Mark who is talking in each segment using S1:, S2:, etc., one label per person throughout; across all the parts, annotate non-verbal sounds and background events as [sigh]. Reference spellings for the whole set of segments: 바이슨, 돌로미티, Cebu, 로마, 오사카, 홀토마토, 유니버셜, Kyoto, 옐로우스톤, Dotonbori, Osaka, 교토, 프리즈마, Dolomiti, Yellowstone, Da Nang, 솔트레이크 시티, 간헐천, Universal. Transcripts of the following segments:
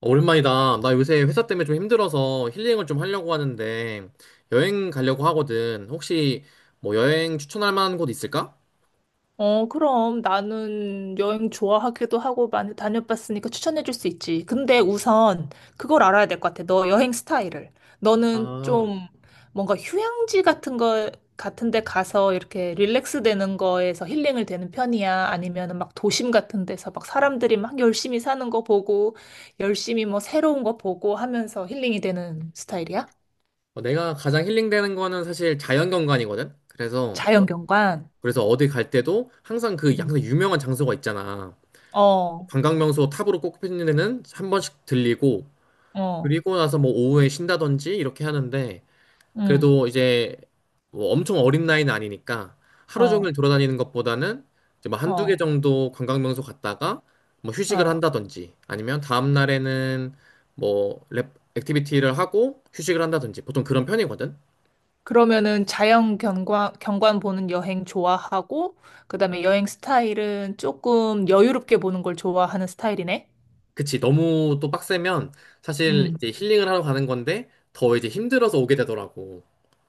S1: 오랜만이다. 나 요새 회사 때문에 좀 힘들어서 힐링을 좀 하려고 하는데 여행 가려고 하거든. 혹시 뭐 여행 추천할 만한 곳 있을까?
S2: 어, 그럼 나는 여행 좋아하기도 하고 많이 다녀봤으니까 추천해줄 수 있지. 근데 우선 그걸 알아야 될 것 같아. 너 여행 스타일을. 너는
S1: 아,
S2: 좀 뭔가 휴양지 같은 데 가서 이렇게 릴렉스 되는 거에서 힐링을 되는 편이야? 아니면은 막 도심 같은 데서 막 사람들이 막 열심히 사는 거 보고, 열심히 뭐 새로운 거 보고 하면서 힐링이 되는 스타일이야?
S1: 어, 내가 가장 힐링되는 거는 사실 자연경관이거든. 그래서
S2: 자연 어, 경관.
S1: 그래서 어디 갈 때도 항상
S2: 응.
S1: 유명한 장소가 있잖아.
S2: 어,
S1: 관광명소 탑으로 꼽히는 데는 한 번씩 들리고,
S2: 어,
S1: 그리고 나서 뭐 오후에 쉰다든지 이렇게 하는데,
S2: 응,
S1: 그래도 이제 뭐 엄청 어린 나이는 아니니까 하루 종일
S2: 어,
S1: 돌아다니는 것보다는 이제 뭐 한두 개
S2: 어,
S1: 정도 관광명소 갔다가 뭐 휴식을
S2: 어.
S1: 한다든지, 아니면 다음 날에는 뭐 액티비티를 하고 휴식을 한다든지 보통 그런 편이거든.
S2: 그러면은 자연 경관, 경관 보는 여행 좋아하고, 그다음에 여행 스타일은 조금 여유롭게 보는 걸 좋아하는 스타일이네.
S1: 그치. 너무 또 빡세면 사실
S2: 음.
S1: 이제 힐링을 하러 가는 건데 더 이제 힘들어서 오게 되더라고.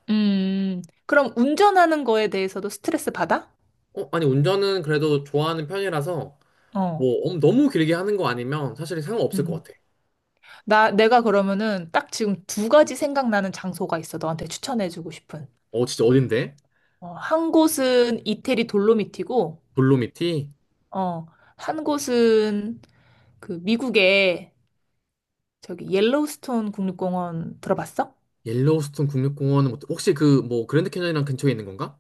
S2: 음. 그럼 운전하는 거에 대해서도 스트레스 받아?
S1: 어, 아니, 운전은 그래도 좋아하는 편이라서
S2: 어.
S1: 뭐 너무 길게 하는 거 아니면 사실 상관없을 것
S2: 음.
S1: 같아.
S2: 내가 그러면은 딱 지금 두 가지 생각나는 장소가 있어. 너한테 추천해주고 싶은.
S1: 어, 진짜 어딘데?
S2: 어, 한 곳은 이태리 돌로미티고,
S1: 돌로미티?
S2: 어, 한 곳은 그 미국의 저기 옐로우스톤 국립공원 들어봤어?
S1: 옐로우스톤 국립공원은 혹시 그 뭐 그랜드 캐년이랑 근처에 있는 건가?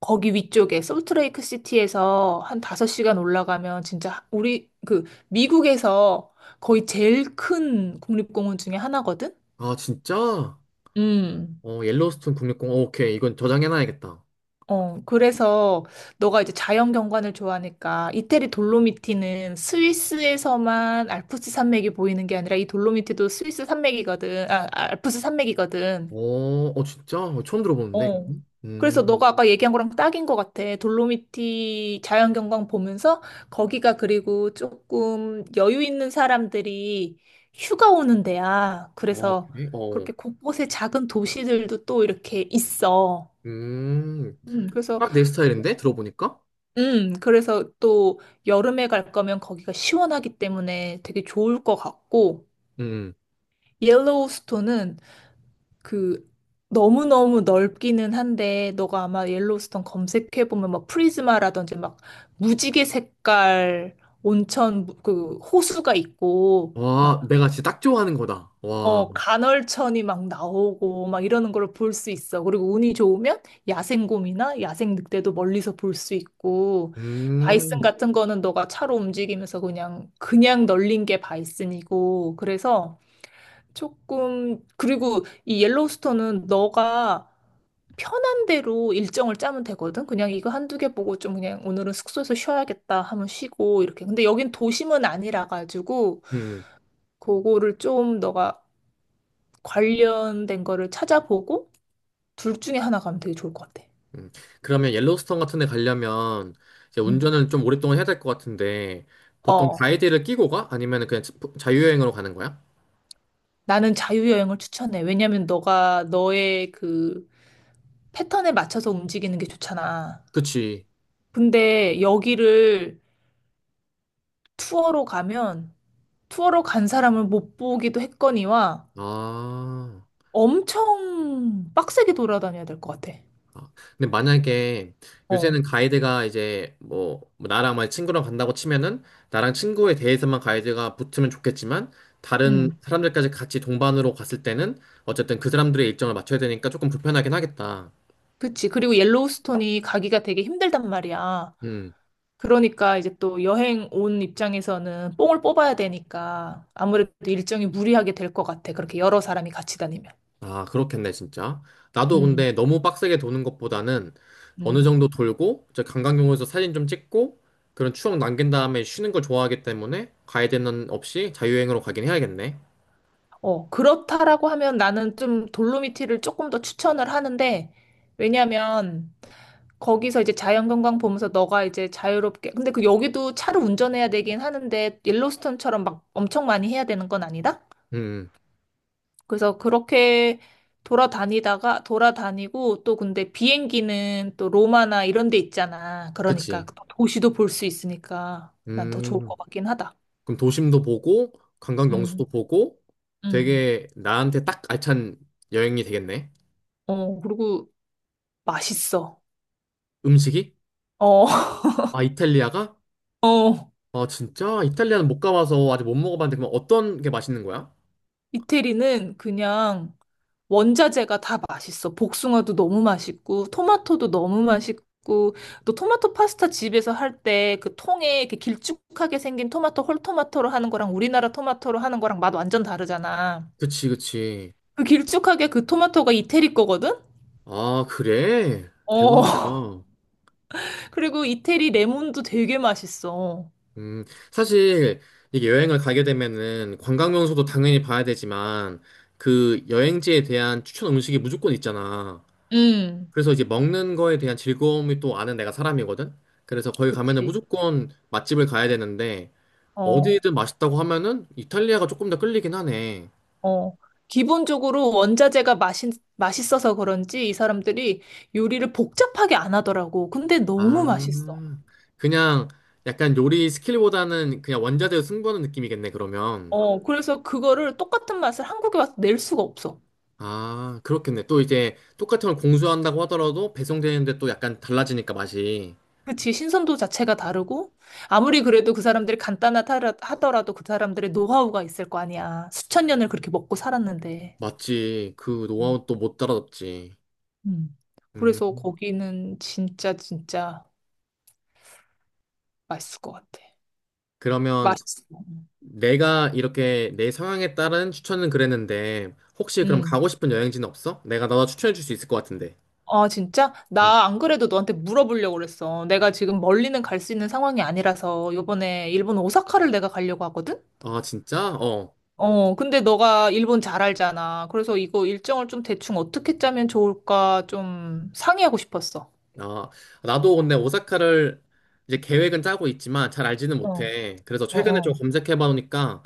S2: 거기 위쪽에 솔트레이크 시티에서 한 5시간 올라가면 진짜 우리 그 미국에서 거의 제일 큰 국립공원 중에 하나거든?
S1: 아 진짜?
S2: 음.
S1: 어, 옐로우스톤 국립공원, 오케이, 이건 저장해놔야겠다.
S2: 어, 그래서 너가 이제 자연 경관을 좋아하니까 이태리 돌로미티는 스위스에서만 알프스 산맥이 보이는 게 아니라 이 돌로미티도 스위스 산맥이거든. 아, 알프스 산맥이거든.
S1: 어, 어 진짜? 어, 처음 들어보는데.
S2: 어. 그래서
S1: 음,
S2: 너가 아까 얘기한 거랑 딱인 것 같아. 돌로미티 자연경관 보면서 거기가 그리고 조금 여유 있는 사람들이 휴가 오는 데야.
S1: 어
S2: 그래서
S1: 그래? 어,
S2: 그렇게 곳곳에 작은 도시들도 또 이렇게 있어.
S1: 음,
S2: 그래서,
S1: 딱 내 스타일인데 들어보니까.
S2: 그래서 또 여름에 갈 거면 거기가 시원하기 때문에 되게 좋을 것 같고,
S1: 음,
S2: 옐로우스톤은 그 너무너무 넓기는 한데 너가 아마 옐로우스톤 검색해 보면 막 프리즈마라든지 막 무지개 색깔 온천 그 호수가 있고
S1: 와,
S2: 막
S1: 내가 진짜 딱 좋아하는 거다. 와,
S2: 어, 간헐천이 막 나오고 막 이러는 걸 볼 수 있어. 그리고 운이 좋으면 야생곰이나 야생 늑대도 멀리서 볼 수 있고 바이슨
S1: 음,
S2: 같은 거는 너가 차로 움직이면서 그냥 널린 게 바이슨이고 그래서 조금 그리고 이 옐로우스톤은 너가 편한 대로 일정을 짜면 되거든. 그냥 이거 한두 개 보고 좀 그냥 오늘은 숙소에서 쉬어야겠다 하면 쉬고 이렇게. 근데 여긴 도심은 아니라 가지고
S1: 음,
S2: 그거를 좀 너가 관련된 거를 찾아보고 둘 중에 하나 가면 되게 좋을 것 같아.
S1: 음. 그러면 옐로우스톤 같은 데 가려면 이제
S2: 응.
S1: 운전을 좀 오랫동안 해야 될 것 같은데, 보통
S2: 어.
S1: 가이드를 끼고 가? 아니면 그냥 자유여행으로 가는 거야?
S2: 나는 자유여행을 추천해. 왜냐면 너가 너의 그 패턴에 맞춰서 움직이는 게 좋잖아.
S1: 그치.
S2: 근데 여기를 투어로 가면 투어로 간 사람을 못 보기도 했거니와
S1: 아.
S2: 엄청 빡세게 돌아다녀야 될 것 같아.
S1: 아. 근데 만약에
S2: 어.
S1: 요새는 가이드가 이제 뭐 나랑 만 친구랑 간다고 치면은 나랑 친구에 대해서만 가이드가 붙으면 좋겠지만, 다른
S2: 음.
S1: 사람들까지 같이 동반으로 갔을 때는 어쨌든 그 사람들의 일정을 맞춰야 되니까 조금 불편하긴 하겠다.
S2: 그치. 그리고 옐로우스톤이 가기가 되게 힘들단 말이야.
S1: 음.
S2: 그러니까 이제 또 여행 온 입장에서는 뽕을 뽑아야 되니까 아무래도 일정이 무리하게 될 것 같아. 그렇게 여러 사람이 같이 다니면.
S1: 아, 그렇겠네, 진짜. 나도
S2: 음,
S1: 근데 너무 빡세게 도는 것보다는 어느
S2: 음,
S1: 정도 돌고 저 관광용으로서 사진 좀 찍고 그런 추억 남긴 다음에 쉬는 걸 좋아하기 때문에 가이드는 없이 자유여행으로 가긴 해야겠네.
S2: 어, 그렇다라고 하면 나는 좀 돌로미티를 조금 더 추천을 하는데, 왜냐면 거기서 이제 자연경관 보면서 너가 이제 자유롭게. 근데 그 여기도 차를 운전해야 되긴 하는데 옐로스톤처럼 막 엄청 많이 해야 되는 건 아니다?
S1: 음.
S2: 그래서 그렇게 돌아다니다가 돌아다니고 또 근데 비행기는 또 로마나 이런 데 있잖아.
S1: 그치.
S2: 그러니까 또 도시도 볼 수 있으니까 난 더 좋을
S1: 음.
S2: 것 같긴 하다.
S1: 그럼 도심도 보고, 관광 명소도
S2: 음,
S1: 보고,
S2: 음.
S1: 되게 나한테 딱 알찬 여행이 되겠네.
S2: 어, 그리고 맛있어.
S1: 음식이?
S2: 어,
S1: 아, 이탈리아가?
S2: [laughs] 어.
S1: 아, 진짜? 이탈리아는 못 가봐서 아직 못 먹어봤는데, 그럼 어떤 게 맛있는 거야?
S2: 이태리는 그냥 원자재가 다 맛있어. 복숭아도 너무 맛있고, 토마토도 너무 맛있고, 또 토마토 파스타 집에서 할 때 그 통에 이렇게 길쭉하게 생긴 토마토, 홀토마토로 하는 거랑 우리나라 토마토로 하는 거랑 맛 완전 다르잖아.
S1: 그치, 그치.
S2: 그 길쭉하게 그 토마토가 이태리 거거든?
S1: 아, 그래?
S2: 어.
S1: 대박이다.
S2: [laughs] 그리고 이태리 레몬도 되게 맛있어.
S1: 음. 사실, 이게 여행을 가게 되면은 관광 명소도 당연히 봐야 되지만, 그 여행지에 대한 추천 음식이 무조건 있잖아.
S2: 음,
S1: 그래서 이제 먹는 거에 대한 즐거움이 또 아는 내가 사람이거든. 그래서 거기 가면은
S2: 그치.
S1: 무조건 맛집을 가야 되는데,
S2: 어,
S1: 어디든 맛있다고 하면은 이탈리아가 조금 더 끌리긴 하네.
S2: 어. 기본적으로 원자재가 맛있어서 그런지 이 사람들이 요리를 복잡하게 안 하더라고. 근데 너무 맛있어.
S1: 아, 그냥 약간 요리 스킬보다는 그냥 원자재로 승부하는 느낌이겠네, 그러면.
S2: 어, 그래서 그거를 똑같은 맛을 한국에 와서 낼 수가 없어.
S1: 아, 그렇겠네. 또 이제 똑같은 걸 공수한다고 하더라도 배송되는데 또 약간 달라지니까 맛이.
S2: 그치, 신선도 자체가 다르고, 아무리 그래도 그 사람들이 간단하다 하더라도 그 사람들의 노하우가 있을 거 아니야. 수천 년을 그렇게 먹고 살았는데.
S1: 맞지. 그
S2: 음.
S1: 노하우 또 못 따라잡지.
S2: 음. 그래서
S1: 음,
S2: 거기는 진짜, 진짜 맛있을 것 같아.
S1: 그러면
S2: 맛있어.
S1: 내가 이렇게 내 성향에 따른 추천은 그랬는데, 혹시 그럼
S2: 음.
S1: 가고 싶은 여행지는 없어? 내가 너 추천해 줄 수 있을 것 같은데.
S2: 아, 진짜?
S1: 응.
S2: 나 안 그래도 너한테 물어보려고 그랬어. 내가 지금 멀리는 갈 수 있는 상황이 아니라서, 요번에 일본 오사카를 내가 가려고 하거든?
S1: 아 진짜? 어.
S2: 어, 근데 너가 일본 잘 알잖아. 그래서 이거 일정을 좀 대충 어떻게 짜면 좋을까 좀 상의하고 싶었어.
S1: 아, 나도 근데 오사카를 이제 계획은 짜고 있지만 잘 알지는
S2: 어,
S1: 못해. 그래서
S2: 어,
S1: 최근에 좀
S2: 어,
S1: 검색해 봐 놓으니까,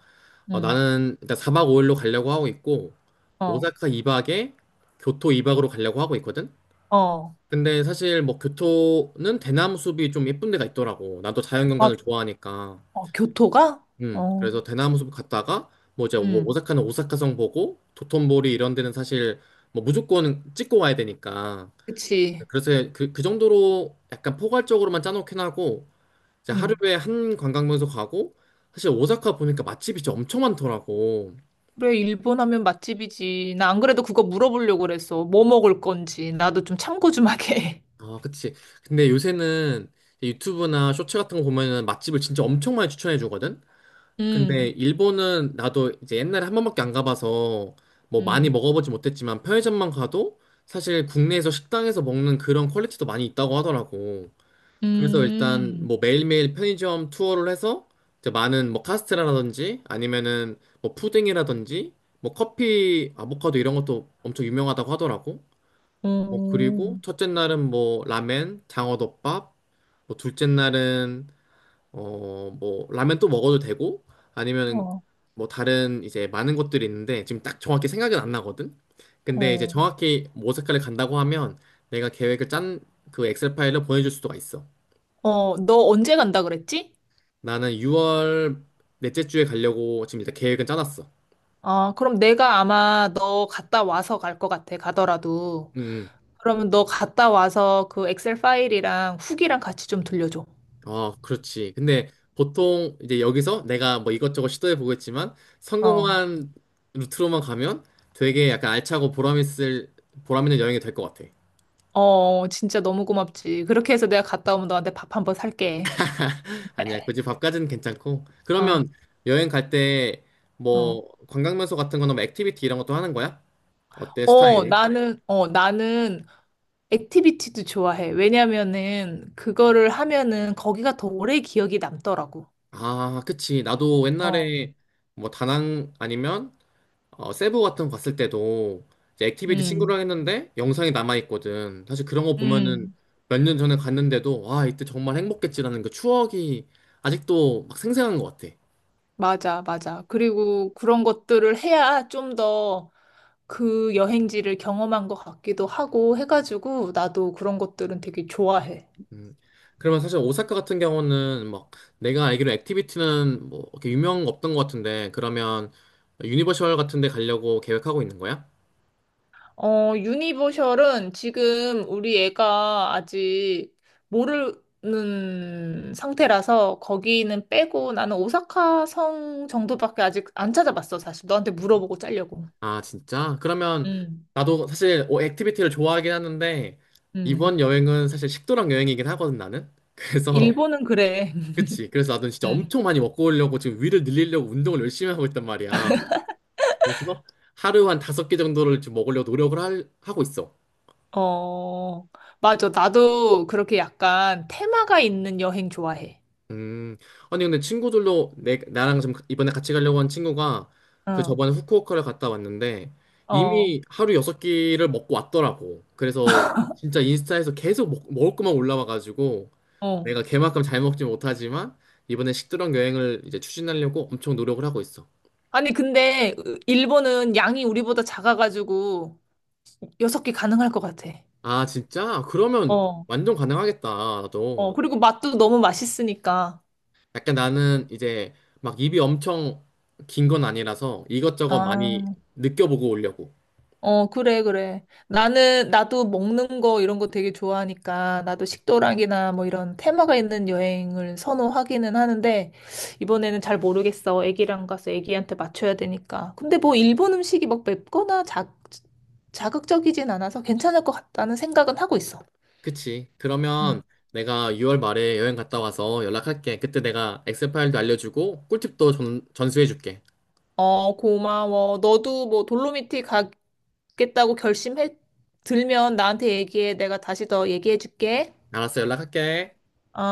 S1: 어,
S2: 응,
S1: 나는 일단 4박 5일로 가려고 하고 있고,
S2: 어,
S1: 오사카 2박에 교토 2박으로 가려고 하고 있거든.
S2: 어.
S1: 근데 사실 뭐 교토는 대나무 숲이 좀 예쁜 데가 있더라고. 나도
S2: 아,
S1: 자연경관을 좋아하니까.
S2: 어, 교토가? 어,
S1: 그래서 대나무숲 갔다가 뭐 이제 뭐
S2: 응,
S1: 오사카는 오사카성 보고 도톤보리 이런 데는 사실 뭐 무조건 찍고 와야 되니까,
S2: 그치.
S1: 그래서 그 정도로 약간 포괄적으로만 짜놓긴 하고 이제
S2: 응.
S1: 하루에 한 관광명소 가고, 사실 오사카 보니까 맛집이 진짜 엄청 많더라고.
S2: 그래, 일본 하면 맛집이지. 나 안 그래도 그거 물어보려고 그랬어. 뭐 먹을 건지. 나도 좀 참고 좀 하게.
S1: 아, 그치. 근데 요새는 유튜브나 쇼츠 같은 거 보면은 맛집을 진짜 엄청 많이 추천해 주거든.
S2: [laughs]
S1: 근데
S2: 응,
S1: 일본은 나도 이제 옛날에 한 번밖에 안 가봐서 뭐 많이
S2: 응,
S1: 먹어보지 못했지만 편의점만 가도 사실 국내에서 식당에서 먹는 그런 퀄리티도 많이 있다고 하더라고. 그래서 일단
S2: 응,
S1: 뭐 매일매일 편의점 투어를 해서 이제 많은 뭐 카스테라라든지, 아니면은 뭐 푸딩이라든지 뭐 커피, 아보카도 이런 것도 엄청 유명하다고 하더라고. 뭐 그리고
S2: 응,
S1: 첫째 날은 뭐 라멘, 장어덮밥, 뭐 둘째 날은 뭐, 라면 또 먹어도 되고, 아니면
S2: 어,
S1: 뭐 다른 이제 많은 것들이 있는데, 지금 딱 정확히 생각은 안 나거든? 근데 이제
S2: 어.
S1: 정확히 뭐 색깔을 간다고 하면, 내가 계획을 짠 그 엑셀 파일을 보내줄 수가 있어.
S2: 어, 너 언제 간다 그랬지?
S1: 나는 6월 넷째 주에 가려고 지금 일단 계획은 짜놨어.
S2: 아, 그럼 내가 아마 너 갔다 와서 갈 것 같아, 가더라도.
S1: 음,
S2: 그러면 너 갔다 와서 그 엑셀 파일이랑 후기랑 같이 좀 들려줘.
S1: 어, 그렇지. 근데 보통 이제 여기서 내가 뭐 이것저것 시도해 보겠지만,
S2: 어,
S1: 성공한 루트로만 가면 되게 약간 알차고 보람 있을, 보람 있는 여행이 될 것 같아.
S2: 어, 진짜 너무 고맙지. 그렇게 해서 내가 갔다 오면 너한테 밥 한번 살게.
S1: 아니야,
S2: [laughs]
S1: 굳이 밥까지는 괜찮고.
S2: 어,
S1: 그러면 여행 갈 때
S2: 어.
S1: 뭐 관광명소 같은 거나 뭐 액티비티 이런 것도 하는 거야? 어때,
S2: 어,
S1: 스타일이?
S2: 나는, 어, 나는 액티비티도 좋아해. 왜냐면은 그거를 하면은 거기가 더 오래 기억이 남더라고.
S1: 아, 그치. 나도
S2: 어.
S1: 옛날에 뭐 다낭 아니면 어, 세부 같은 거 갔을 때도 이제 액티비티
S2: 음,
S1: 친구랑 했는데 영상이 남아있거든. 사실 그런 거 보면은
S2: 음,
S1: 몇 년 전에 갔는데도 와, 이때 정말 행복했지라는 그 추억이 아직도 막 생생한 것 같아.
S2: 맞아, 맞아. 그리고 그런 것들을 해야 좀더 그 여행지를 경험한 것 같기도 하고 해가지고 나도 그런 것들은 되게 좋아해.
S1: 그러면 사실 오사카 같은 경우는 막 내가 알기로 액티비티는 뭐 이렇게 유명 없던 것 같은데, 그러면 유니버셜 같은 데 가려고 계획하고 있는 거야?
S2: 어, 유니버셜은 지금 우리 애가 아직 모르는 상태라서 거기는 빼고 나는 오사카 성 정도밖에 아직 안 찾아봤어, 사실. 너한테 물어보고 짜려고.
S1: 아 진짜? 그러면
S2: 음,
S1: 나도 사실 어, 액티비티를 좋아하긴 하는데
S2: 음.
S1: 이번 여행은 사실 식도락 여행이긴 하거든, 나는. 그래서
S2: 일본은 그래.
S1: [laughs] 그치, 그래서
S2: [laughs]
S1: 나도 진짜
S2: 음.
S1: 엄청 많이 먹고 오려고 지금 위를 늘리려고 운동을 열심히 하고 있단 말이야. 그래서 하루 한 다섯 개 정도를 지금 먹으려고 노력을 하고 있어.
S2: 어, 맞아. 나도 그렇게 약간 테마가 있는 여행 좋아해.
S1: 음, 아니 근데 친구들로 내 나랑 좀 이번에 같이 가려고 한 친구가 그
S2: 어,
S1: 저번에 후쿠오카를 갔다 왔는데
S2: 어,
S1: 이미 하루 여섯 끼를 먹고 왔더라고. 그래서 진짜 인스타에서 계속 먹, 먹을 것만 올라와가지고
S2: 어.
S1: 내가 걔만큼 잘 먹지 못하지만 이번에 식도락 여행을 이제 추진하려고 엄청 노력을 하고 있어.
S2: 아니, 근데 일본은 양이 우리보다 작아가지고 여섯 개 가능할 것 같아.
S1: 아 진짜? 그러면
S2: 어,
S1: 완전 가능하겠다.
S2: 어,
S1: 나도
S2: 그리고 맛도 너무 맛있으니까.
S1: 약간 나는 이제 막 입이 엄청 긴 건 아니라서 이것저것 많이
S2: 아,
S1: 느껴보고 오려고.
S2: 어, 그래, 그래. 나는, 나도 먹는 거 이런 거 되게 좋아하니까 나도 식도락이나 뭐 이런 테마가 있는 여행을 선호하기는 하는데 이번에는 잘 모르겠어. 애기랑 가서 애기한테 맞춰야 되니까. 근데 뭐 일본 음식이 막 맵거나 자극적이진 않아서 괜찮을 것 같다는 생각은 하고 있어.
S1: 그치. 그러면 내가 6월 말에 여행 갔다 와서 연락할게. 그때 내가 엑셀 파일도 알려주고 꿀팁도 전, 전수해줄게.
S2: 어, 고마워. 너도 뭐 돌로미티 가겠다고 결심해 들면 나한테 얘기해. 내가 다시 더 얘기해 줄게.
S1: 알았어, 연락할게.
S2: 어.